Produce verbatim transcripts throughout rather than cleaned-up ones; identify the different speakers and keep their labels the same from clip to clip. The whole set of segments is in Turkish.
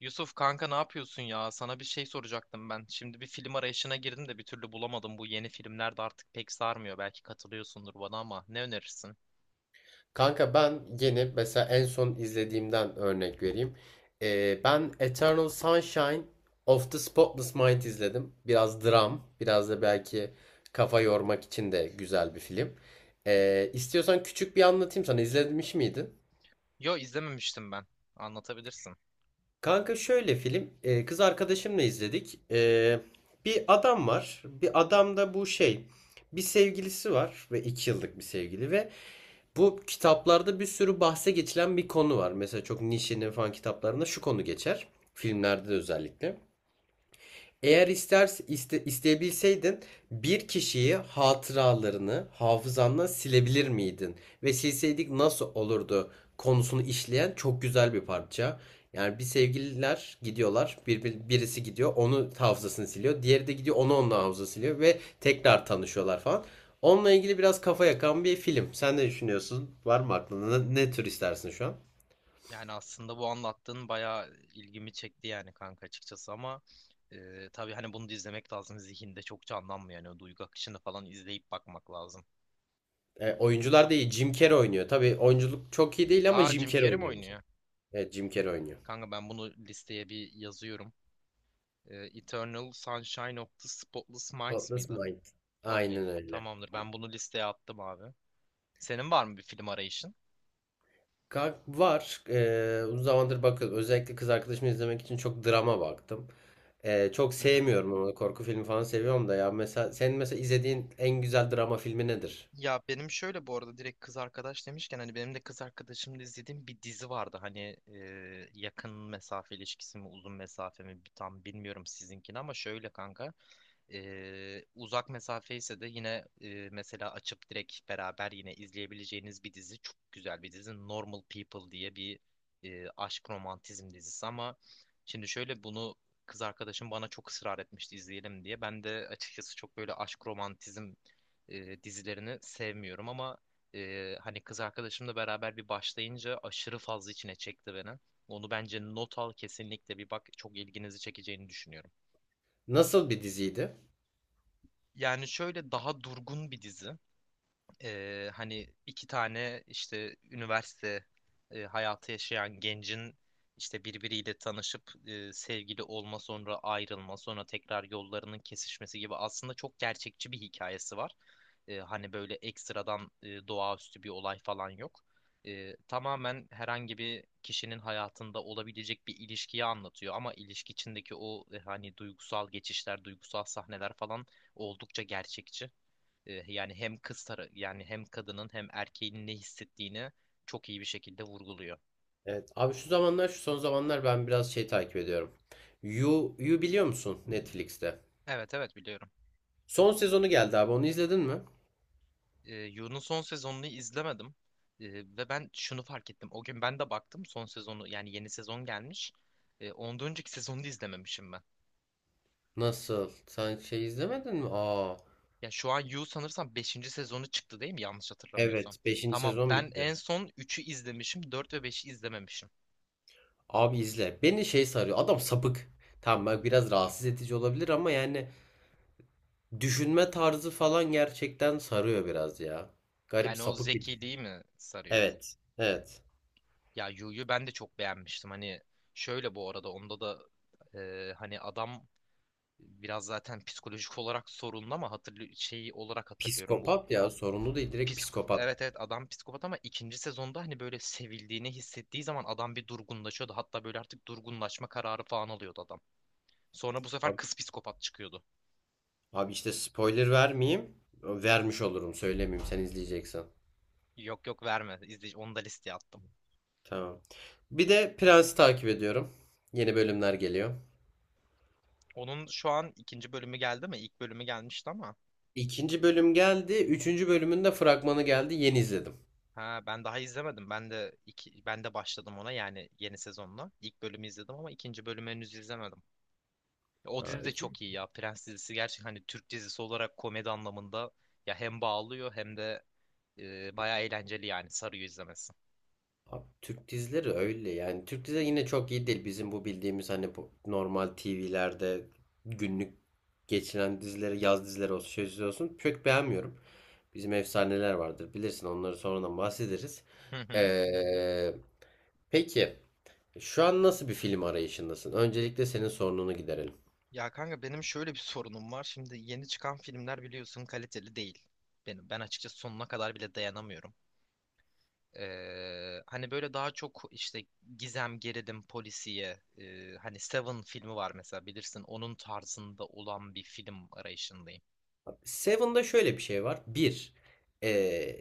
Speaker 1: Yusuf kanka ne yapıyorsun ya? Sana bir şey soracaktım ben. Şimdi bir film arayışına girdim de bir türlü bulamadım. Bu yeni filmler de artık pek sarmıyor. Belki katılıyorsundur bana ama ne önerirsin?
Speaker 2: Kanka ben yeni mesela en son izlediğimden örnek vereyim. Ee, ben Eternal Sunshine of the Spotless Mind izledim. Biraz dram, biraz da belki kafa yormak için de güzel bir film. Ee, istiyorsan küçük bir anlatayım sana. İzlemiş miydin?
Speaker 1: Yo izlememiştim ben. Anlatabilirsin.
Speaker 2: Kanka şöyle film, e, kız arkadaşımla izledik. E, bir adam var. Bir adam da bu şey, bir sevgilisi var ve iki yıllık bir sevgili ve bu kitaplarda bir sürü bahse geçilen bir konu var. Mesela çok Nietzsche'nin falan kitaplarında şu konu geçer. Filmlerde de özellikle. Eğer ister iste- isteyebilseydin bir kişiyi hatıralarını hafızandan silebilir miydin? Ve silseydik nasıl olurdu konusunu işleyen çok güzel bir parça. Yani bir sevgililer gidiyorlar, bir, bir- birisi gidiyor, onu hafızasını siliyor, diğeri de gidiyor, onu onun hafızasını siliyor ve tekrar tanışıyorlar falan. Onunla ilgili biraz kafa yakan bir film. Sen ne düşünüyorsun? Var mı aklında? Ne, ne tür istersin şu an?
Speaker 1: Yani aslında bu anlattığın bayağı ilgimi çekti yani kanka açıkçası ama e, tabii hani bunu da izlemek lazım. Zihinde çok canlanmıyor. Yani o duygu akışını falan izleyip bakmak lazım.
Speaker 2: E, oyuncular da iyi. Jim Carrey oynuyor. Tabii oyunculuk çok iyi değil ama
Speaker 1: Aa
Speaker 2: Jim
Speaker 1: Jim
Speaker 2: Carrey
Speaker 1: Carrey mi
Speaker 2: oynuyor mesela.
Speaker 1: oynuyor?
Speaker 2: Evet, Jim Carrey oynuyor.
Speaker 1: Kanka ben bunu listeye bir yazıyorum. E, Eternal Sunshine of the Spotless Minds
Speaker 2: Atlas
Speaker 1: mıydı?
Speaker 2: Mind.
Speaker 1: Okey.
Speaker 2: Aynen öyle.
Speaker 1: Tamamdır. Ben bunu listeye attım abi. Senin var mı bir film arayışın?
Speaker 2: Ka- Var. Ee, uzun zamandır bakın özellikle kız arkadaşımı izlemek için çok drama baktım. Ee, çok
Speaker 1: Hı hı.
Speaker 2: sevmiyorum ama korku filmi falan seviyorum da ya mesela senin mesela izlediğin en güzel drama filmi nedir?
Speaker 1: Ya benim şöyle bu arada direkt kız arkadaş demişken hani benim de kız arkadaşımla izlediğim bir dizi vardı. Hani e, yakın mesafe ilişkisi mi uzun mesafe mi tam bilmiyorum sizinkini ama şöyle kanka. Ee, uzak mesafe ise de yine e, mesela açıp direkt beraber yine izleyebileceğiniz bir dizi. Çok güzel bir dizi. Normal People diye bir e, aşk romantizm dizisi ama şimdi şöyle bunu kız arkadaşım bana çok ısrar etmişti izleyelim diye. Ben de açıkçası çok böyle aşk romantizm e, dizilerini sevmiyorum ama e, hani kız arkadaşımla beraber bir başlayınca aşırı fazla içine çekti beni. Onu bence not al, kesinlikle bir bak, çok ilginizi çekeceğini düşünüyorum.
Speaker 2: Nasıl bir diziydi?
Speaker 1: Yani şöyle daha durgun bir dizi. Ee, hani iki tane işte üniversite e, hayatı yaşayan gencin işte birbiriyle tanışıp e, sevgili olma, sonra ayrılma, sonra tekrar yollarının kesişmesi gibi aslında çok gerçekçi bir hikayesi var. Ee, hani böyle ekstradan e, doğaüstü bir olay falan yok. Ee, tamamen herhangi bir kişinin hayatında olabilecek bir ilişkiyi anlatıyor ama ilişki içindeki o e, hani duygusal geçişler, duygusal sahneler falan oldukça gerçekçi. E, yani hem kız tarafı, yani hem kadının hem erkeğin ne hissettiğini çok iyi bir şekilde vurguluyor.
Speaker 2: Evet. Abi şu zamanlar şu son zamanlar ben biraz şey takip ediyorum. You, You biliyor musun Netflix'te?
Speaker 1: Evet, evet, biliyorum.
Speaker 2: Son sezonu geldi abi onu izledin mi?
Speaker 1: E, Yu'nun son sezonunu izlemedim. E, Ve ben şunu fark ettim. O gün ben de baktım son sezonu, yani yeni sezon gelmiş. E, ondan önceki sezonu da izlememişim ben.
Speaker 2: Nasıl? Sen şey izlemedin mi? Aa,
Speaker 1: Ya şu an Yu sanırsam beşinci sezonu çıktı değil mi? Yanlış hatırlamıyorsam.
Speaker 2: evet beşinci
Speaker 1: Tamam,
Speaker 2: sezon
Speaker 1: ben
Speaker 2: bitti.
Speaker 1: en son üçü izlemişim, dört ve beşi izlememişim.
Speaker 2: Abi izle. Beni şey sarıyor. Adam sapık. Tamam bak biraz rahatsız edici olabilir ama yani düşünme tarzı falan gerçekten sarıyor biraz ya. Garip
Speaker 1: Yani o
Speaker 2: sapık bir dizi.
Speaker 1: zekiliği mi sarıyor?
Speaker 2: Evet. Evet.
Speaker 1: Ya Yu'yu ben de çok beğenmiştim. Hani şöyle bu arada onda da e, hani adam biraz zaten psikolojik olarak sorunlu ama hatırlı şeyi olarak hatırlıyorum bu
Speaker 2: Psikopat ya sorunlu değil direkt
Speaker 1: psik
Speaker 2: psikopat.
Speaker 1: evet, evet, adam psikopat ama ikinci sezonda hani böyle sevildiğini hissettiği zaman adam bir durgunlaşıyordu. Hatta böyle artık durgunlaşma kararı falan alıyordu adam. Sonra bu sefer
Speaker 2: Abi,
Speaker 1: kız psikopat çıkıyordu.
Speaker 2: abi işte spoiler vermeyeyim. Vermiş olurum söylemeyeyim sen izleyeceksen.
Speaker 1: Yok, yok, verme. İzle, onu da listeye attım.
Speaker 2: Tamam. Bir de Prens'i takip ediyorum. Yeni bölümler geliyor.
Speaker 1: Onun şu an ikinci bölümü geldi mi? İlk bölümü gelmişti ama.
Speaker 2: İkinci bölüm geldi. Üçüncü bölümün de fragmanı geldi. Yeni izledim.
Speaker 1: Ha ben daha izlemedim. Ben de iki, ben de başladım ona, yani yeni sezonla. İlk bölümü izledim ama ikinci bölümü henüz izlemedim. O
Speaker 2: Ha,
Speaker 1: dizi de çok
Speaker 2: ikinci
Speaker 1: iyi ya. Prens dizisi gerçekten, hani Türk dizisi olarak komedi anlamında ya hem bağlıyor hem de e, bayağı eğlenceli, yani sarıyor izlemesi.
Speaker 2: Abi, Türk dizileri öyle yani Türk dizileri yine çok iyi değil bizim bu bildiğimiz hani bu normal T V'lerde günlük geçilen dizileri yaz dizileri olsun şey dizileri olsun çok beğenmiyorum. Bizim efsaneler vardır bilirsin onları sonradan bahsederiz.
Speaker 1: Hı hı.
Speaker 2: Ee, peki şu an nasıl bir film arayışındasın? Öncelikle senin sorununu giderelim.
Speaker 1: Ya kanka benim şöyle bir sorunum var. Şimdi yeni çıkan filmler biliyorsun kaliteli değil. Benim ben açıkçası sonuna kadar bile dayanamıyorum. Ee, hani böyle daha çok işte gizem, gerilim, polisiye, e, hani Seven filmi var mesela, bilirsin, onun tarzında olan bir film arayışındayım.
Speaker 2: Seven'da şöyle bir şey var. Bir, ee,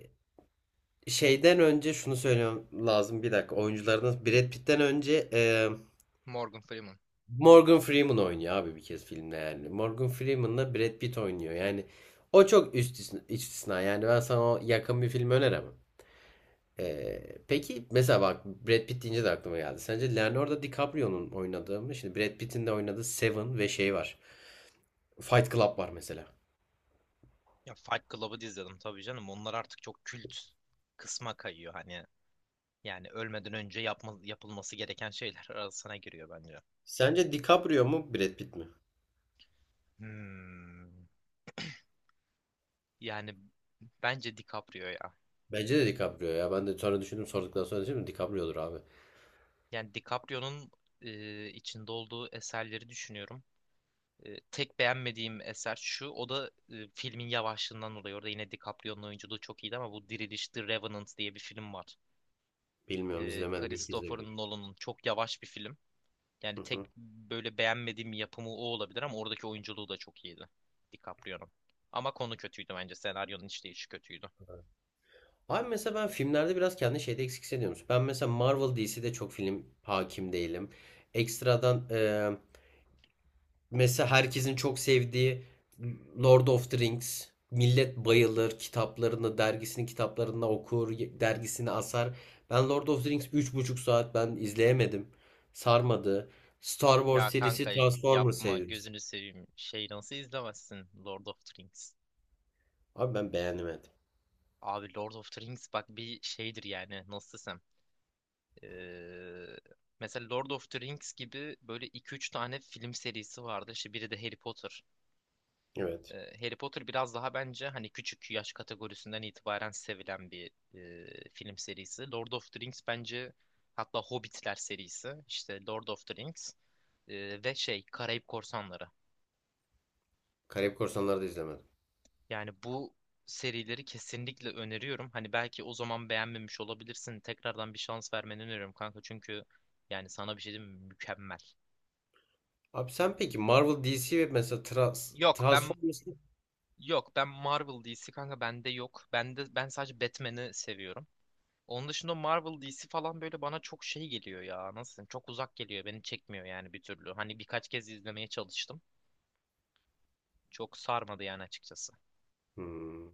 Speaker 2: Şeyden önce şunu söylemem lazım bir dakika oyunculardan Brad Pitt'ten önce e,
Speaker 1: Morgan Freeman.
Speaker 2: Morgan Freeman oynuyor abi bir kez filmde yani. Morgan Freeman'la Brad Pitt oynuyor. Yani o çok üst istisna. Yani ben sana o yakın bir film öneremem. Ee, peki mesela bak Brad Pitt deyince de aklıma geldi. Sence Leonardo DiCaprio'nun oynadığı mı? Şimdi Brad Pitt'in de oynadığı Seven ve şey var. Fight Club var mesela.
Speaker 1: Ya Fight Club'ı da izledim tabii canım. Onlar artık çok kült kısma kayıyor hani. Yani ölmeden önce yapma, yapılması gereken şeyler arasına giriyor bence.
Speaker 2: Sence DiCaprio mu Brad Pitt mi?
Speaker 1: Hmm. Yani bence DiCaprio ya.
Speaker 2: Bence de DiCaprio ya. Ben de sonra düşündüm sorduktan sonra düşündüm DiCaprio'dur abi.
Speaker 1: Yani DiCaprio'nun e, içinde olduğu eserleri düşünüyorum. E, tek beğenmediğim eser şu. O da e, filmin yavaşlığından dolayı. Orada yine DiCaprio'nun oyunculuğu çok iyiydi ama bu Diriliş The Revenant diye bir film var.
Speaker 2: Bilmiyorum
Speaker 1: E,
Speaker 2: izlemedim. İlk
Speaker 1: Christopher
Speaker 2: izleyebilirim.
Speaker 1: Nolan'ın çok yavaş bir film. Yani tek böyle beğenmediğim yapımı o olabilir ama oradaki oyunculuğu da çok iyiydi DiCaprio'nun. Ama konu kötüydü bence. Senaryonun işleyişi kötüydü.
Speaker 2: Abi mesela ben filmlerde biraz kendi şeyde eksik hissediyorum. Ben mesela Marvel D C'de çok film hakim değilim. Ekstradan e, mesela herkesin çok sevdiği Lord of the Rings. Millet bayılır kitaplarını, dergisinin kitaplarını okur, dergisini asar. Ben Lord of the Rings üç buçuk saat ben izleyemedim. Sarmadı. Star Wars
Speaker 1: Ya
Speaker 2: serisi,
Speaker 1: kanka
Speaker 2: Transformers
Speaker 1: yapma,
Speaker 2: serisi.
Speaker 1: gözünü seveyim. Şey, nasıl izlemezsin Lord of the Rings?
Speaker 2: Abi ben beğenemedim.
Speaker 1: Abi Lord of the Rings bak bir şeydir yani, nasıl desem. Ee, Mesela Lord of the Rings gibi böyle iki üç tane film serisi vardı. İşte biri de Harry Potter.
Speaker 2: Evet.
Speaker 1: Ee, Harry Potter biraz daha bence hani küçük yaş kategorisinden itibaren sevilen bir e, film serisi. Lord of the Rings bence, hatta Hobbitler serisi. İşte Lord of the Rings e, ve şey Karayip Korsanları.
Speaker 2: Karayip Korsanları da izlemedim.
Speaker 1: Yani bu serileri kesinlikle öneriyorum. Hani belki o zaman beğenmemiş olabilirsin. Tekrardan bir şans vermeni öneriyorum kanka. Çünkü yani sana bir şey diyeyim mi? Mükemmel.
Speaker 2: Abi sen peki Marvel, D C ve mesela Trans
Speaker 1: Yok ben
Speaker 2: Transformers.
Speaker 1: Yok ben Marvel D C kanka bende yok. Bende ben sadece Batman'i seviyorum. Onun dışında Marvel D C falan böyle bana çok şey geliyor ya. Nasıl diyeyim, çok uzak geliyor. Beni çekmiyor yani bir türlü. Hani birkaç kez izlemeye çalıştım. Çok sarmadı yani açıkçası.
Speaker 2: Hmm.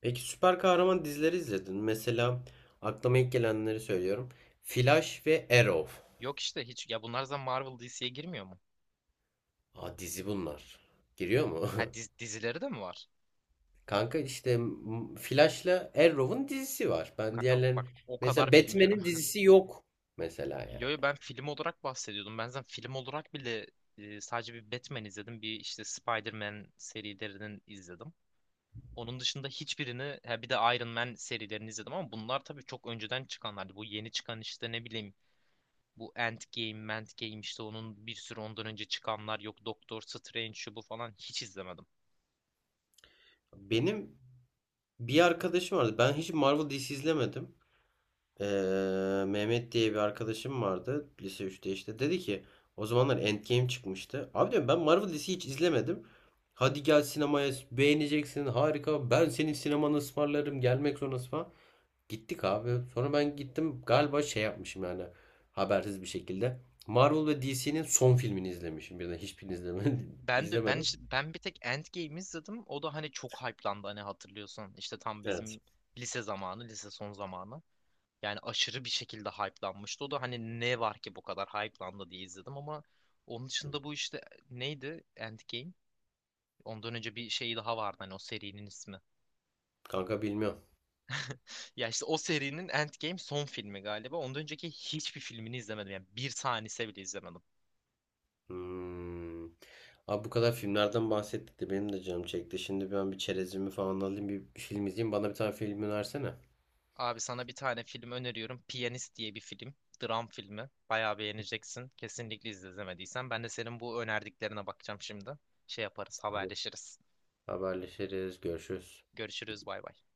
Speaker 2: Peki süper kahraman dizileri izledin mi? Mesela aklıma ilk gelenleri söylüyorum. Flash ve Arrow.
Speaker 1: Yok işte, hiç ya, bunlar zaten Marvel D C'ye girmiyor mu?
Speaker 2: Aa, dizi bunlar. Giriyor mu?
Speaker 1: Ha diz- dizileri de mi var?
Speaker 2: Kanka işte m- Flash'la Arrow'un dizisi var. Ben
Speaker 1: Kanka bak
Speaker 2: diğerlerin
Speaker 1: o
Speaker 2: mesela
Speaker 1: kadar bilmiyorum.
Speaker 2: Batman'in dizisi yok mesela yani.
Speaker 1: Yo, yo, ben film olarak bahsediyordum. Ben zaten film olarak bile e, sadece bir Batman izledim. Bir işte Spider-Man serilerinin izledim. Onun dışında hiçbirini, ha bir de Iron Man serilerini izledim ama bunlar tabii çok önceden çıkanlardı. Bu yeni çıkan işte ne bileyim bu Endgame, Endgame işte, onun bir sürü ondan önce çıkanlar yok. Doctor Strange şu bu falan hiç izlemedim.
Speaker 2: Benim bir arkadaşım vardı. Ben hiç Marvel dizisi izlemedim. Eee, Mehmet diye bir arkadaşım vardı lise üçte işte dedi ki o zamanlar Endgame çıkmıştı. Abi diyorum ben Marvel dizisi hiç izlemedim. Hadi gel sinemaya beğeneceksin harika ben senin sinemanı ısmarlarım gelmek zorundasın falan. Gittik abi. Sonra ben gittim galiba şey yapmışım yani habersiz bir şekilde. Marvel ve D C'nin son filmini izlemişim birden hiçbirini izleme,
Speaker 1: Ben de ben
Speaker 2: izlemedim.
Speaker 1: işte- ben bir tek Endgame izledim. O da hani çok hype'landı, hani hatırlıyorsun? İşte tam
Speaker 2: Evet.
Speaker 1: bizim lise zamanı, lise son zamanı. Yani aşırı bir şekilde hype'lanmıştı. O da hani ne var ki bu kadar hype'landı diye izledim ama onun dışında bu işte neydi Endgame? Ondan önce bir şey daha vardı hani, o serinin ismi.
Speaker 2: Kanka bilmiyorum.
Speaker 1: Ya işte o serinin Endgame son filmi galiba. Ondan önceki hiçbir filmini izlemedim. Yani bir tanesi bile izlemedim.
Speaker 2: Hmm. Abi bu kadar filmlerden bahsettik de benim de canım çekti. Şimdi ben bir çerezimi falan alayım bir film izleyeyim. Bana bir tane film önersene.
Speaker 1: Abi sana bir tane film öneriyorum. Piyanist diye bir film. Dram filmi. Bayağı beğeneceksin. Kesinlikle izle, izlemediysen. Ben de senin bu önerdiklerine bakacağım şimdi. Şey yaparız,
Speaker 2: Tamam.
Speaker 1: haberleşiriz.
Speaker 2: Haberleşiriz. Görüşürüz.
Speaker 1: Görüşürüz, bay bay.